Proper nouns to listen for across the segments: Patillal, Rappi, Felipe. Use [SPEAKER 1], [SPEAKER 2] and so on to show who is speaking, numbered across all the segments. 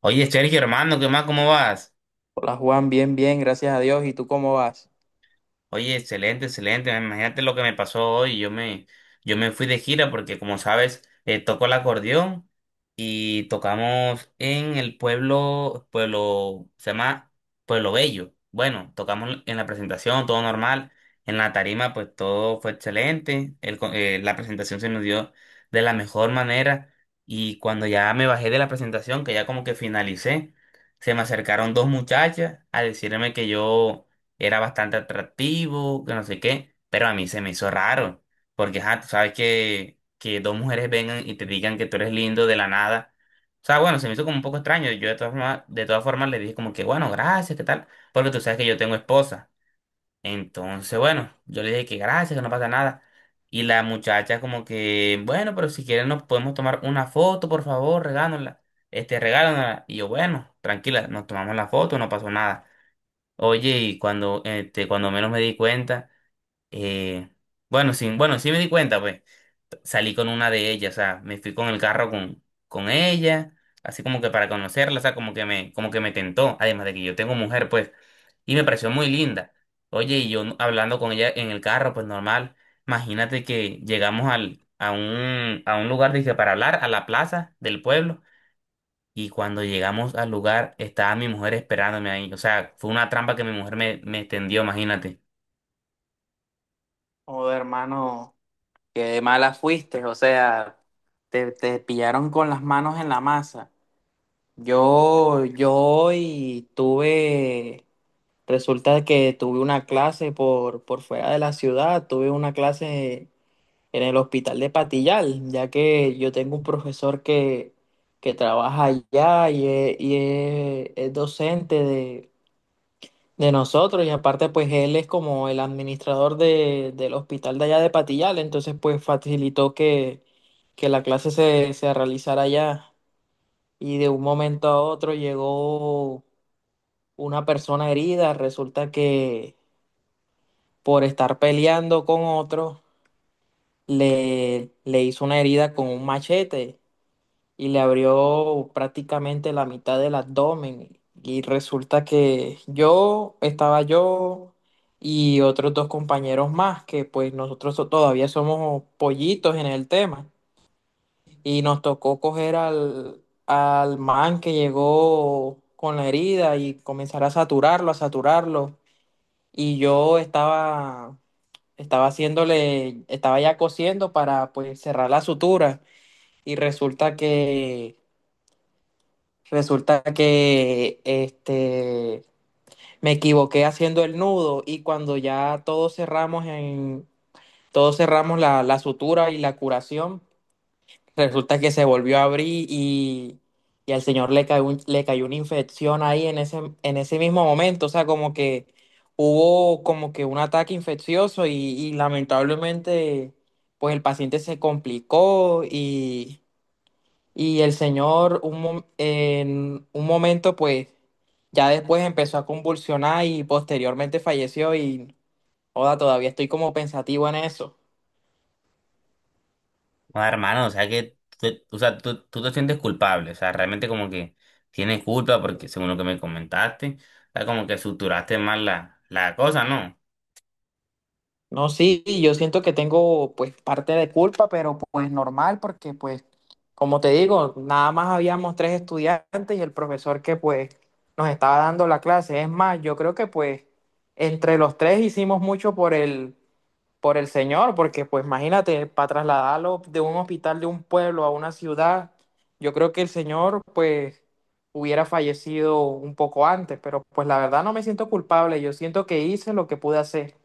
[SPEAKER 1] Oye, Sergio, hermano, ¿qué más? ¿Cómo vas?
[SPEAKER 2] Hola Juan, bien, bien, gracias a Dios. ¿Y tú cómo vas?
[SPEAKER 1] Oye, excelente, excelente. Imagínate lo que me pasó hoy. Yo me fui de gira porque, como sabes, toco el acordeón y tocamos en el pueblo, pueblo, se llama Pueblo Bello. Bueno, tocamos en la presentación, todo normal. En la tarima, pues todo fue excelente. La presentación se nos dio de la mejor manera. Y cuando ya me bajé de la presentación, que ya como que finalicé, se me acercaron dos muchachas a decirme que yo era bastante atractivo, que no sé qué, pero a mí se me hizo raro, porque ajá, tú sabes que dos mujeres vengan y te digan que tú eres lindo de la nada. O sea, bueno, se me hizo como un poco extraño. Yo de todas formas le dije como que, bueno, gracias, ¿qué tal? Porque tú sabes que yo tengo esposa. Entonces, bueno, yo le dije que gracias, que no pasa nada. Y la muchacha como que, bueno, pero si quieren nos podemos tomar una foto, por favor, regálanosla. Este, regálanosla. Y yo, bueno, tranquila, nos tomamos la foto, no pasó nada. Oye, y cuando, este, cuando menos me di cuenta, eh, bueno, sí, bueno, sí me di cuenta, pues, salí con una de ellas, o sea, me fui con el carro con ella, así como que para conocerla, o sea, como que me tentó, además de que yo tengo mujer, pues, y me pareció muy linda. Oye, y yo hablando con ella en el carro, pues normal, imagínate que llegamos al, a un lugar, dije, para hablar, a la plaza del pueblo. Y cuando llegamos al lugar, estaba mi mujer esperándome ahí. O sea, fue una trampa que mi me extendió, imagínate.
[SPEAKER 2] Joder, hermano, qué mala fuiste, o sea, te pillaron con las manos en la masa. Yo hoy tuve, resulta que tuve una clase por fuera de la ciudad, tuve una clase en el hospital de Patillal, ya que yo tengo un profesor que trabaja allá y es docente de nosotros y aparte pues él es como el administrador del hospital de allá de Patillal, entonces pues facilitó que la se realizara allá y de un momento a otro llegó una persona herida. Resulta que por estar peleando con otro le hizo una herida con un machete y le abrió prácticamente la mitad del abdomen. Y resulta que yo, estaba yo y otros dos compañeros más, que pues todavía somos pollitos en el tema. Y nos tocó coger al man que llegó con la herida y comenzar a saturarlo, a saturarlo. Y yo estaba haciéndole, estaba ya cosiendo para pues cerrar la sutura. Y resulta que me equivoqué haciendo el nudo y cuando todos cerramos la sutura y la curación. Resulta que se volvió a abrir y al señor le cayó una infección ahí en en ese mismo momento. O sea, como que hubo como que un ataque infeccioso y lamentablemente pues el paciente se complicó y el señor en un momento, pues, ya después empezó a convulsionar y posteriormente falleció y, joda, todavía estoy como pensativo en eso.
[SPEAKER 1] No, hermano, o sea que, o sea, tú te sientes culpable. O sea, realmente como que tienes culpa porque según lo que me comentaste, o sea, como que suturaste mal la cosa, ¿no?
[SPEAKER 2] No, sí, yo siento que tengo pues parte de culpa, pero pues normal, porque pues, como te digo, nada más habíamos tres estudiantes y el profesor que pues nos estaba dando la clase. Es más, yo creo que pues entre los tres hicimos mucho por por el señor, porque pues imagínate, para trasladarlo de un hospital de un pueblo a una ciudad, yo creo que el señor pues hubiera fallecido un poco antes, pero pues la verdad no me siento culpable, yo siento que hice lo que pude hacer.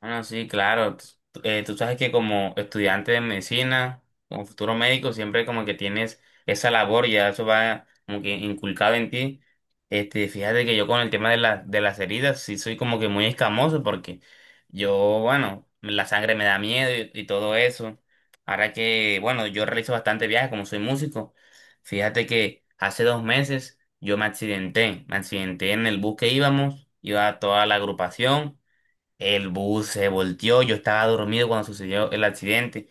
[SPEAKER 1] Bueno, sí, claro. Tú sabes que como estudiante de medicina, como futuro médico, siempre como que tienes esa labor y ya eso va como que inculcado en ti. Este, fíjate que yo con el tema de las heridas sí soy como que muy escamoso porque yo, bueno, la sangre me da miedo y todo eso. Ahora que, bueno, yo realizo bastante viajes como soy músico. Fíjate que hace dos meses yo me accidenté en el bus que iba toda la agrupación. El bus se volteó, yo estaba dormido cuando sucedió el accidente.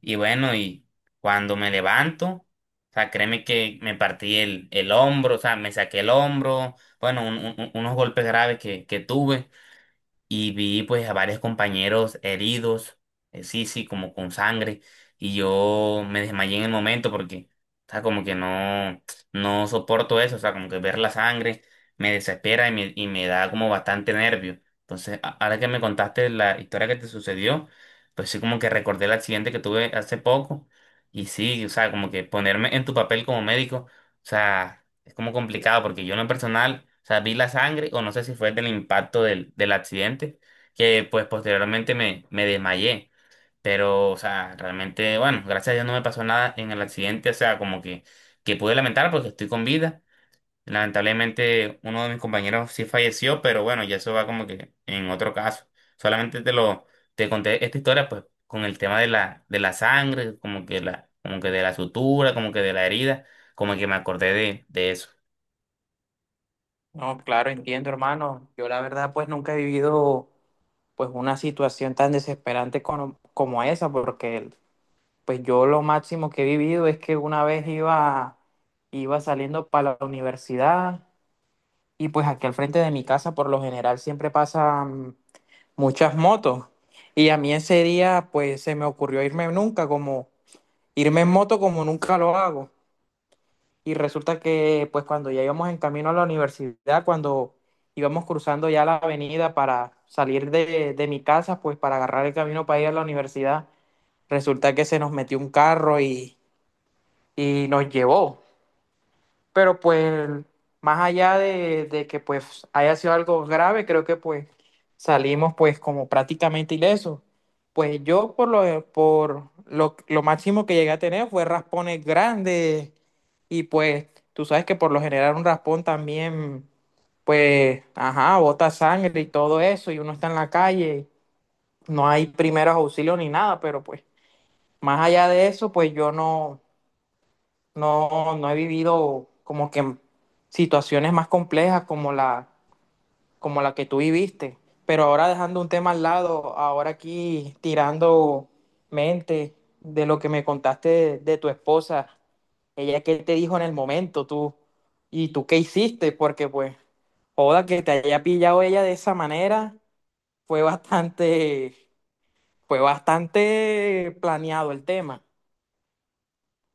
[SPEAKER 1] Y bueno, y cuando me levanto, o sea, créeme que me partí el hombro, o sea, me saqué el hombro, bueno, unos golpes graves que tuve y vi pues a varios compañeros heridos, sí, como con sangre, y yo me desmayé en el momento porque, o sea, como que no, no soporto eso, o sea, como que ver la sangre me desespera y me da como bastante nervio. Entonces, ahora que me contaste la historia que te sucedió, pues sí, como que recordé el accidente que tuve hace poco, y sí, o sea, como que ponerme en tu papel como médico, o sea... Es como complicado porque yo en lo personal, o sea, vi la sangre o no sé si fue del impacto del accidente, que pues posteriormente me desmayé. Pero, o sea, realmente, bueno, gracias a Dios no me pasó nada en el accidente, o sea, como que pude lamentar porque estoy con vida. Lamentablemente uno de mis compañeros sí falleció, pero bueno, ya eso va como que en otro caso. Solamente te conté esta historia pues con el tema de de la sangre, como que como que de la sutura, como que de la herida, como que me acordé de eso.
[SPEAKER 2] No, claro, entiendo, hermano. Yo la verdad pues nunca he vivido pues una situación tan desesperante como, como esa, porque pues yo lo máximo que he vivido es que una vez iba saliendo para la universidad. Y pues aquí al frente de mi casa por lo general siempre pasan muchas motos. Y a mí ese día pues se me ocurrió irme en moto como nunca lo hago. Y resulta que pues cuando ya íbamos en camino a la universidad, cuando íbamos cruzando ya la avenida para salir de mi casa, pues para agarrar el camino para ir a la universidad, resulta que se nos metió un carro y nos llevó. Pero pues más allá de que pues haya sido algo grave, creo que pues salimos pues como prácticamente ilesos. Pues yo lo máximo que llegué a tener fue raspones grandes y pues tú sabes que por lo general un raspón también pues ajá, bota sangre y todo eso y uno está en la calle, no hay primeros auxilios ni nada, pero pues más allá de eso pues yo no no, no he vivido como que situaciones más complejas como como la que tú viviste. Pero ahora dejando un tema al lado, ahora aquí tirando mente de lo que me contaste de tu esposa, ella qué te dijo en el momento, tú, y tú qué hiciste, porque pues, joda, que te haya pillado ella de esa manera, fue bastante, fue bastante planeado el tema.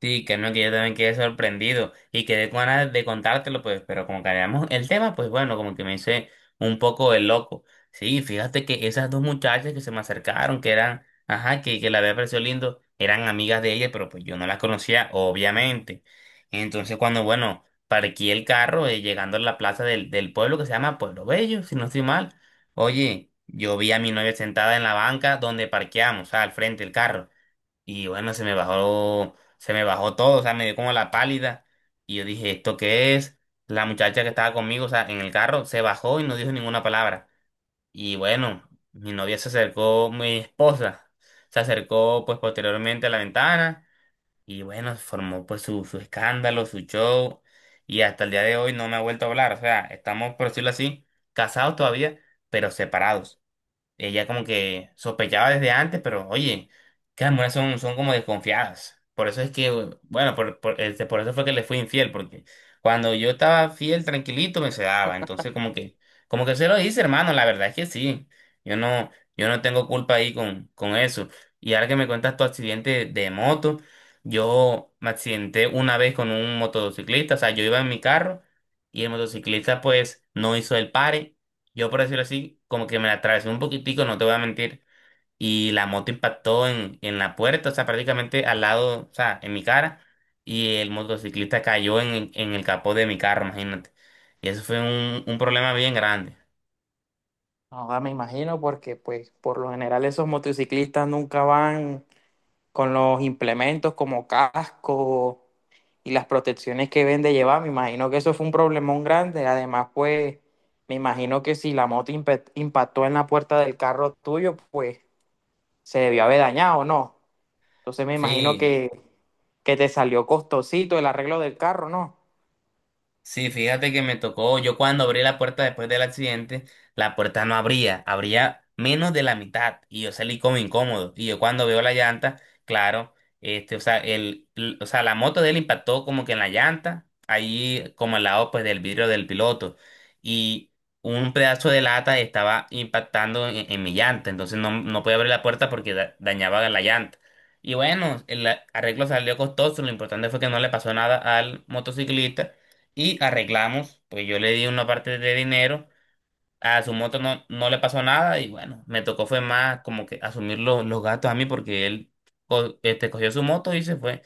[SPEAKER 1] Sí, que no, que yo también quedé sorprendido y quedé con ganas de contártelo, pues, pero como cambiamos el tema, pues bueno, como que me hice un poco el loco. Sí, fíjate que esas dos muchachas que se me acercaron, que eran, ajá, que la había parecido lindo, eran amigas de ella, pero pues yo no las conocía, obviamente. Entonces, cuando, bueno, parqué el carro, llegando a la plaza del pueblo que se llama Pueblo Bello, si no estoy mal, oye, yo vi a mi novia sentada en la banca donde parqueamos, o sea, al frente del carro. Y bueno, se me bajó todo, o sea, me dio como la pálida. Y yo dije, ¿esto qué es? La muchacha que estaba conmigo, o sea, en el carro, se bajó y no dijo ninguna palabra. Y bueno, mi novia se acercó, mi esposa, se acercó pues posteriormente a la ventana. Y bueno, formó pues su escándalo, su show. Y hasta el día de hoy no me ha vuelto a hablar. O sea, estamos, por decirlo así, casados todavía, pero separados. Ella como que sospechaba desde antes, pero oye, que las mujeres son, son como desconfiadas. Por eso es que, bueno, por eso fue que le fui infiel, porque cuando yo estaba fiel, tranquilito, me se daba. Entonces como que se lo hice, hermano, la verdad es que sí. Yo no, yo no tengo culpa ahí con eso. Y ahora que me cuentas tu accidente de moto, yo me accidenté una vez con un motociclista, o sea, yo iba en mi carro y el motociclista pues no hizo el pare yo, por decirlo así, como que me la atravesé un poquitico, no te voy a mentir, y la moto impactó en la puerta, o sea, prácticamente al lado, o sea, en mi cara, y el motociclista cayó en el capó de mi carro, imagínate. Y eso fue un problema bien grande.
[SPEAKER 2] Ahora me imagino porque pues por lo general esos motociclistas nunca van con los implementos como casco y las protecciones que ven de llevar. Me imagino que eso fue un problemón grande. Además, pues me imagino que si la moto impactó en la puerta del carro tuyo, pues se debió haber dañado, ¿no? Entonces me imagino
[SPEAKER 1] Sí,
[SPEAKER 2] que te salió costosito el arreglo del carro, ¿no?
[SPEAKER 1] sí, fíjate que me tocó, yo cuando abrí la puerta después del accidente, la puerta no abría, abría menos de la mitad y yo salí como incómodo. Y yo cuando veo la llanta, claro, este, o sea, o sea, la moto de él impactó como que en la llanta, ahí como al lado pues del vidrio del piloto y un pedazo de lata estaba impactando en mi llanta, entonces no podía abrir la puerta porque dañaba la llanta. Y bueno, el arreglo salió costoso, lo importante fue que no le pasó nada al motociclista y arreglamos, pues yo le di una parte de dinero, a su moto no le pasó nada y bueno, me tocó fue más como que asumir los gastos a mí porque él cogió su moto y se fue.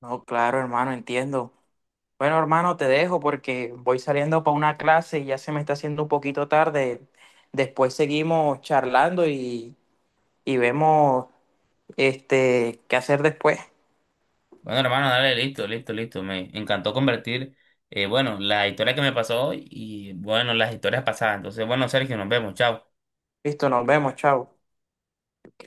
[SPEAKER 2] No, claro, hermano, entiendo. Bueno, hermano, te dejo porque voy saliendo para una clase y ya se me está haciendo un poquito tarde. Después seguimos charlando y vemos este qué hacer después.
[SPEAKER 1] Bueno, hermano, dale, listo, listo, listo. Me encantó convertir, bueno, la historia que me pasó y bueno, las historias pasadas. Entonces, bueno, Sergio, nos vemos, chao.
[SPEAKER 2] Listo, nos vemos, chao.